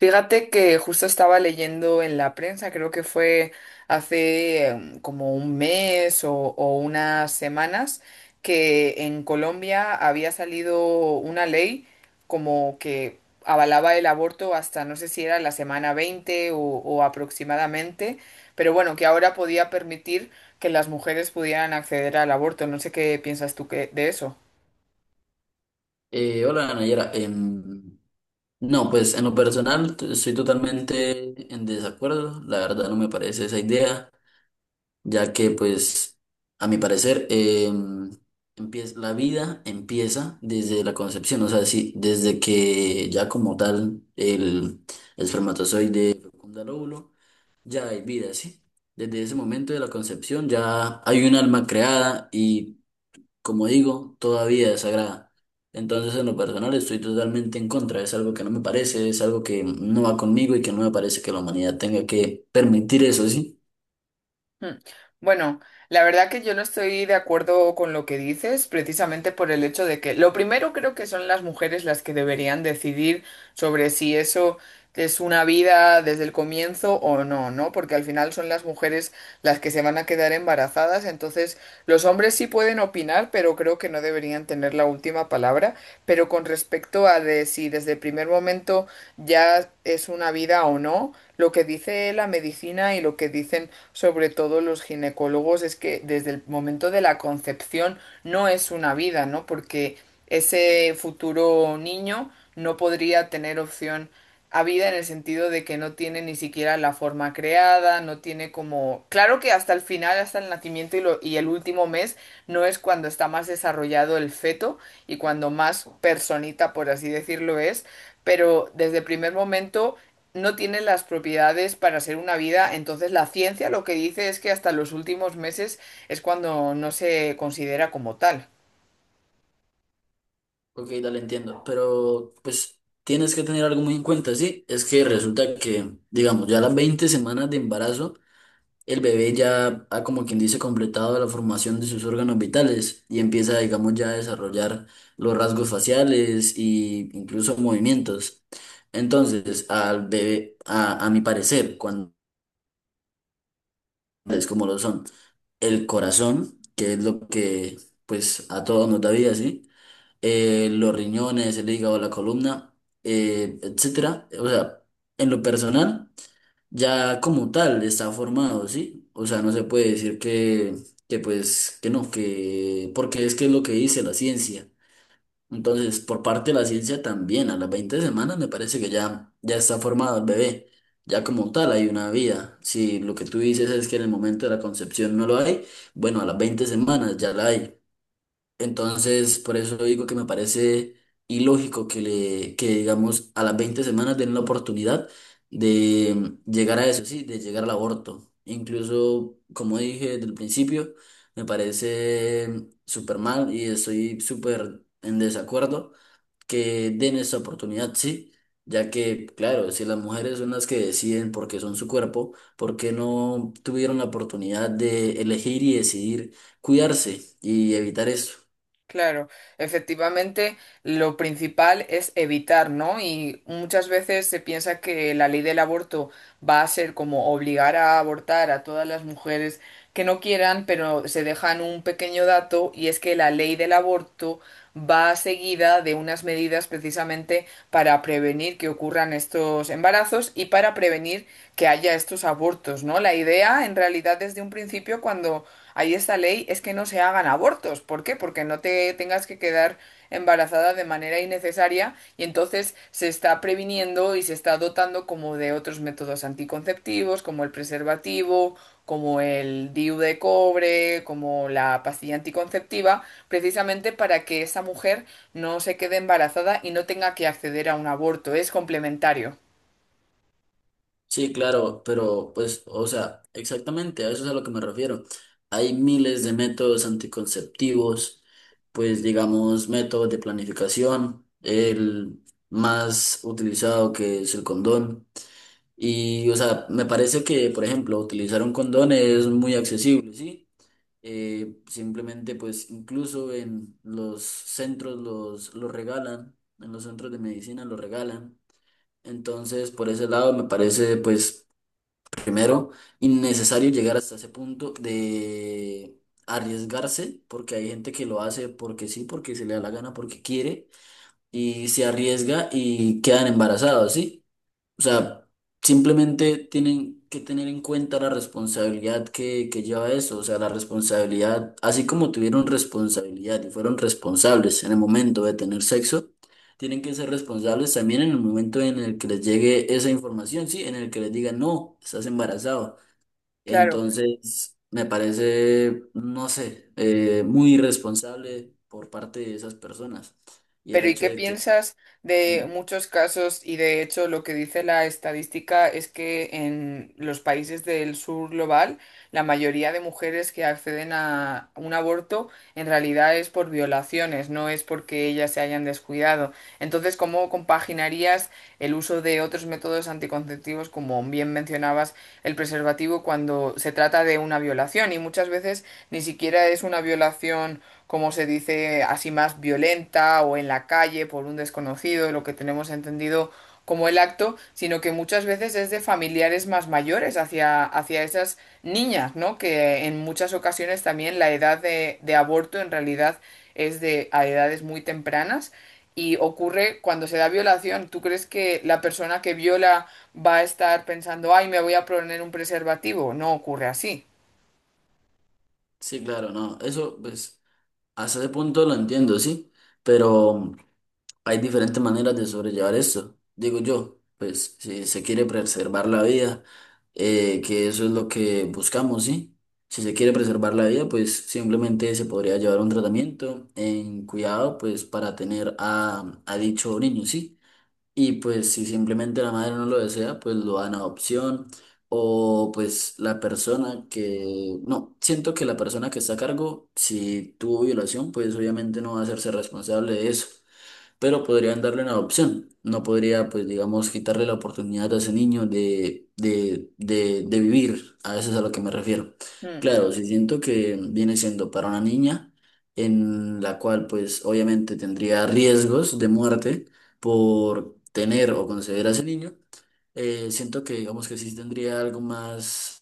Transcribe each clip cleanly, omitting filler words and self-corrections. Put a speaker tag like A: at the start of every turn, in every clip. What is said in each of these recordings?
A: Fíjate que justo estaba leyendo en la prensa, creo que fue hace como un mes o unas semanas, que en Colombia había salido una ley como que avalaba el aborto hasta no sé si era la semana 20 o aproximadamente, pero bueno, que ahora podía permitir que las mujeres pudieran acceder al aborto. No sé qué piensas tú de eso.
B: Hola, Nayara. No, pues en lo personal estoy totalmente en desacuerdo, la verdad no me parece esa idea, ya que, pues, a mi parecer, la vida empieza desde la concepción. O sea, sí, desde que ya, como tal, el espermatozoide fecunda el óvulo, ya hay vida, ¿sí? Desde ese momento de la concepción ya hay un alma creada y, como digo, todavía desagrada. Entonces, en lo personal, estoy totalmente en contra. Es algo que no me parece, es algo que no va conmigo y que no me parece que la humanidad tenga que permitir eso, ¿sí?
A: Mm. Bueno, la verdad que yo no estoy de acuerdo con lo que dices, precisamente por el hecho de que lo primero creo que son las mujeres las que deberían decidir sobre si eso es una vida desde el comienzo o no, ¿no? Porque al final son las mujeres las que se van a quedar embarazadas, entonces los hombres sí pueden opinar, pero creo que no deberían tener la última palabra. Pero con respecto a de si desde el primer momento ya es una vida o no, lo que dice la medicina y lo que dicen sobre todo los ginecólogos, es que desde el momento de la concepción no es una vida, ¿no? Porque ese futuro niño no podría tener opción habida en el sentido de que no tiene ni siquiera la forma creada, no tiene como... Claro que hasta el final, hasta el nacimiento y el último mes, no es cuando está más desarrollado el feto y cuando más personita, por así decirlo, es, pero desde el primer momento no tiene las propiedades para ser una vida, entonces la ciencia lo que dice es que hasta los últimos meses es cuando no se considera como tal.
B: Ok, dale, entiendo. Pero, pues, tienes que tener algo muy en cuenta, ¿sí? Es que resulta que, digamos, ya las 20 semanas de embarazo, el bebé ya ha, como quien dice, completado la formación de sus órganos vitales y empieza, digamos, ya a desarrollar los rasgos faciales e incluso movimientos. Entonces, al bebé, a mi parecer, cuando es como lo son, el corazón, que es lo que, pues, a todos nos da vida, ¿sí? Los riñones, el hígado, la columna, etcétera. O sea, en lo personal ya como tal está formado, ¿sí? O sea, no se puede decir que, pues, que no, que, porque es que es lo que dice la ciencia. Entonces, por parte de la ciencia también, a las 20 semanas me parece que ya está formado el bebé. Ya como tal hay una vida. Si lo que tú dices es que en el momento de la concepción no lo hay, bueno, a las 20 semanas ya la hay. Entonces, por eso digo que me parece ilógico que digamos a las 20 semanas den la oportunidad de llegar a eso, sí, de llegar al aborto. Incluso, como dije desde el principio, me parece súper mal y estoy súper en desacuerdo que den esa oportunidad, sí, ya que, claro, si las mujeres son las que deciden porque son su cuerpo, ¿por qué no tuvieron la oportunidad de elegir y decidir cuidarse y evitar eso?
A: Claro, efectivamente, lo principal es evitar, ¿no? Y muchas veces se piensa que la ley del aborto va a ser como obligar a abortar a todas las mujeres que no quieran, pero se dejan un pequeño dato y es que la ley del aborto va seguida de unas medidas precisamente para prevenir que ocurran estos embarazos y para prevenir que haya estos abortos, ¿no? La idea en realidad desde un principio cuando ahí esta ley es que no se hagan abortos. ¿Por qué? Porque no te tengas que quedar embarazada de manera innecesaria y entonces se está previniendo y se está dotando como de otros métodos anticonceptivos, como el preservativo, como el DIU de cobre, como la pastilla anticonceptiva, precisamente para que esa mujer no se quede embarazada y no tenga que acceder a un aborto. Es complementario.
B: Sí, claro, pero pues, o sea, exactamente, a eso es a lo que me refiero. Hay miles de métodos anticonceptivos, pues, digamos, métodos de planificación, el más utilizado que es el condón. Y, o sea, me parece que, por ejemplo, utilizar un condón es muy accesible, ¿sí? Simplemente, pues, incluso en los centros los regalan, en los centros de medicina los regalan. Entonces, por ese lado, me parece, pues, primero, innecesario llegar hasta ese punto de arriesgarse, porque hay gente que lo hace porque sí, porque se le da la gana, porque quiere, y se arriesga y quedan embarazados, ¿sí? O sea, simplemente tienen que tener en cuenta la responsabilidad que lleva eso, o sea, la responsabilidad, así como tuvieron responsabilidad y fueron responsables en el momento de tener sexo, tienen que ser responsables también en el momento en el que les llegue esa información, sí, en el que les digan: no, estás embarazado.
A: Claro.
B: Entonces, me parece, no sé, muy irresponsable por parte de esas personas. Y el
A: Pero ¿y
B: hecho
A: qué
B: de que,
A: piensas de
B: sí,
A: muchos casos? Y de hecho lo que dice la estadística es que en los países del sur global, la mayoría de mujeres que acceden a un aborto en realidad es por violaciones, no es porque ellas se hayan descuidado. Entonces, ¿cómo compaginarías el uso de otros métodos anticonceptivos, como bien mencionabas, el preservativo cuando se trata de una violación? Y muchas veces ni siquiera es una violación como se dice, así más violenta o en la calle por un desconocido, lo que tenemos entendido como el acto, sino que muchas veces es de familiares más mayores hacia esas niñas, ¿no? Que en muchas ocasiones también la edad de aborto en realidad es de a edades muy tempranas y ocurre cuando se da violación. ¿Tú crees que la persona que viola va a estar pensando, ay, me voy a poner un preservativo? No ocurre así.
B: sí, claro, no, eso, pues, hasta ese punto lo entiendo, sí, pero hay diferentes maneras de sobrellevar esto. Digo yo, pues, si se quiere preservar la vida, que eso es lo que buscamos, sí. Si se quiere preservar la vida, pues simplemente se podría llevar un tratamiento en cuidado, pues para tener a dicho niño, ¿sí? Y pues si simplemente la madre no lo desea, pues lo dan a adopción. O pues la persona que... No, siento que la persona que está a cargo, si tuvo violación, pues obviamente no va a hacerse responsable de eso, pero podrían darle una adopción. No podría, pues, digamos, quitarle la oportunidad a ese niño de, de vivir. A eso es a lo que me refiero. Claro, si siento que viene siendo para una niña en la cual, pues, obviamente tendría riesgos de muerte por tener o conceder a ese niño, siento que, digamos, que sí tendría algo más,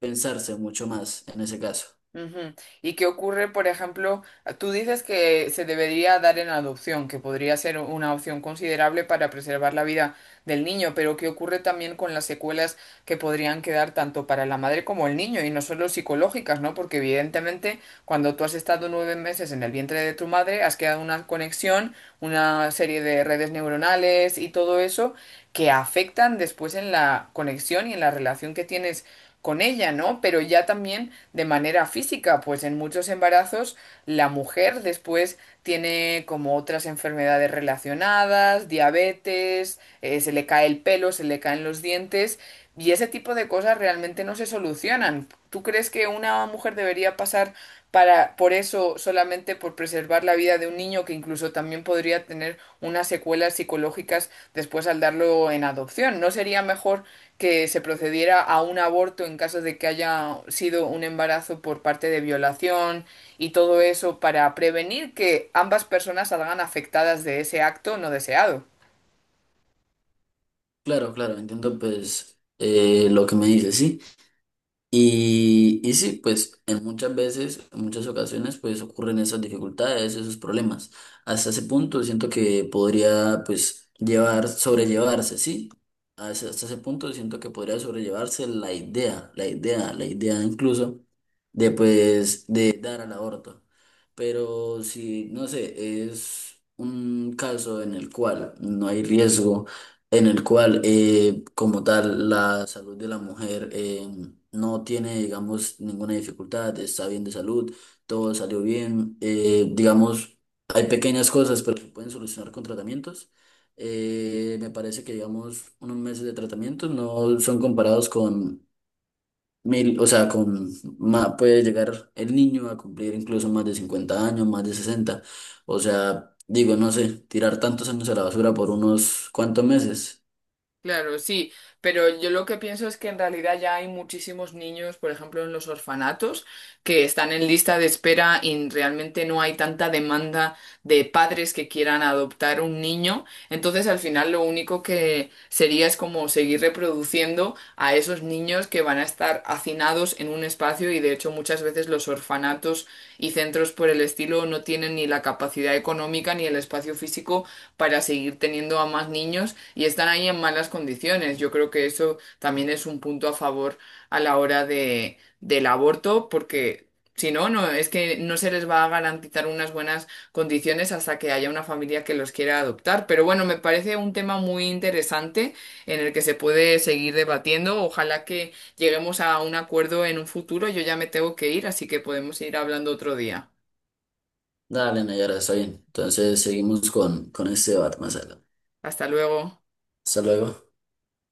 B: pensarse mucho más en ese caso.
A: Ujú. ¿Y qué ocurre, por ejemplo, ah, tú dices que se debería dar en adopción, que podría ser una opción considerable para preservar la vida del niño, pero ¿qué ocurre también con las secuelas que podrían quedar tanto para la madre como el niño, y no solo psicológicas, ¿no? Porque evidentemente cuando tú has estado 9 meses en el vientre de tu madre, has quedado una conexión, una serie de redes neuronales y todo eso que afectan después en la conexión y en la relación que tienes con ella, ¿no? Pero ya también de manera física, pues en muchos embarazos la mujer después tiene como otras enfermedades relacionadas, diabetes, se le cae el pelo, se le caen los dientes y ese tipo de cosas realmente no se solucionan. ¿Tú crees que una mujer debería pasar para por eso solamente por preservar la vida de un niño que incluso también podría tener unas secuelas psicológicas después al darlo en adopción? ¿No sería mejor que se procediera a un aborto en caso de que haya sido un embarazo por parte de violación y todo eso para prevenir que ambas personas salgan afectadas de ese acto no deseado?
B: Claro, claro, entiendo, pues, lo que me dices, ¿sí? Y sí, pues en muchas veces, en muchas ocasiones, pues ocurren esas dificultades, esos problemas. Hasta ese punto siento que podría, pues, llevar, sobrellevarse, ¿sí? Hasta ese punto siento que podría sobrellevarse la idea, incluso, de, pues, de dar al aborto. Pero si, no sé, es un caso en el cual no hay riesgo, en el cual, como tal, la salud de la mujer... no tiene, digamos, ninguna dificultad, está bien de salud, todo salió bien. Digamos, hay pequeñas cosas, pero se pueden solucionar con tratamientos. Me parece que, digamos, unos meses de tratamiento no son comparados con mil, o sea, con puede llegar el niño a cumplir incluso más de 50 años, más de 60. O sea, digo, no sé, tirar tantos años a la basura por unos cuantos meses.
A: Claro, sí, pero yo lo que pienso es que en realidad ya hay muchísimos niños, por ejemplo, en los orfanatos, que están en lista de espera y realmente no hay tanta demanda de padres que quieran adoptar un niño. Entonces, al final, lo único que sería es como seguir reproduciendo a esos niños que van a estar hacinados en un espacio y, de hecho, muchas veces los orfanatos y centros por el estilo no tienen ni la capacidad económica ni el espacio físico para seguir teniendo a más niños y están ahí en malas condiciones. Yo creo que eso también es un punto a favor a la hora del aborto, porque si no, no, es que no se les va a garantizar unas buenas condiciones hasta que haya una familia que los quiera adoptar. Pero bueno, me parece un tema muy interesante en el que se puede seguir debatiendo. Ojalá que lleguemos a un acuerdo en un futuro. Yo ya me tengo que ir, así que podemos ir hablando otro día.
B: Dale, Nayara, está bien. Entonces seguimos con este debate más adelante.
A: Hasta luego.
B: Hasta luego.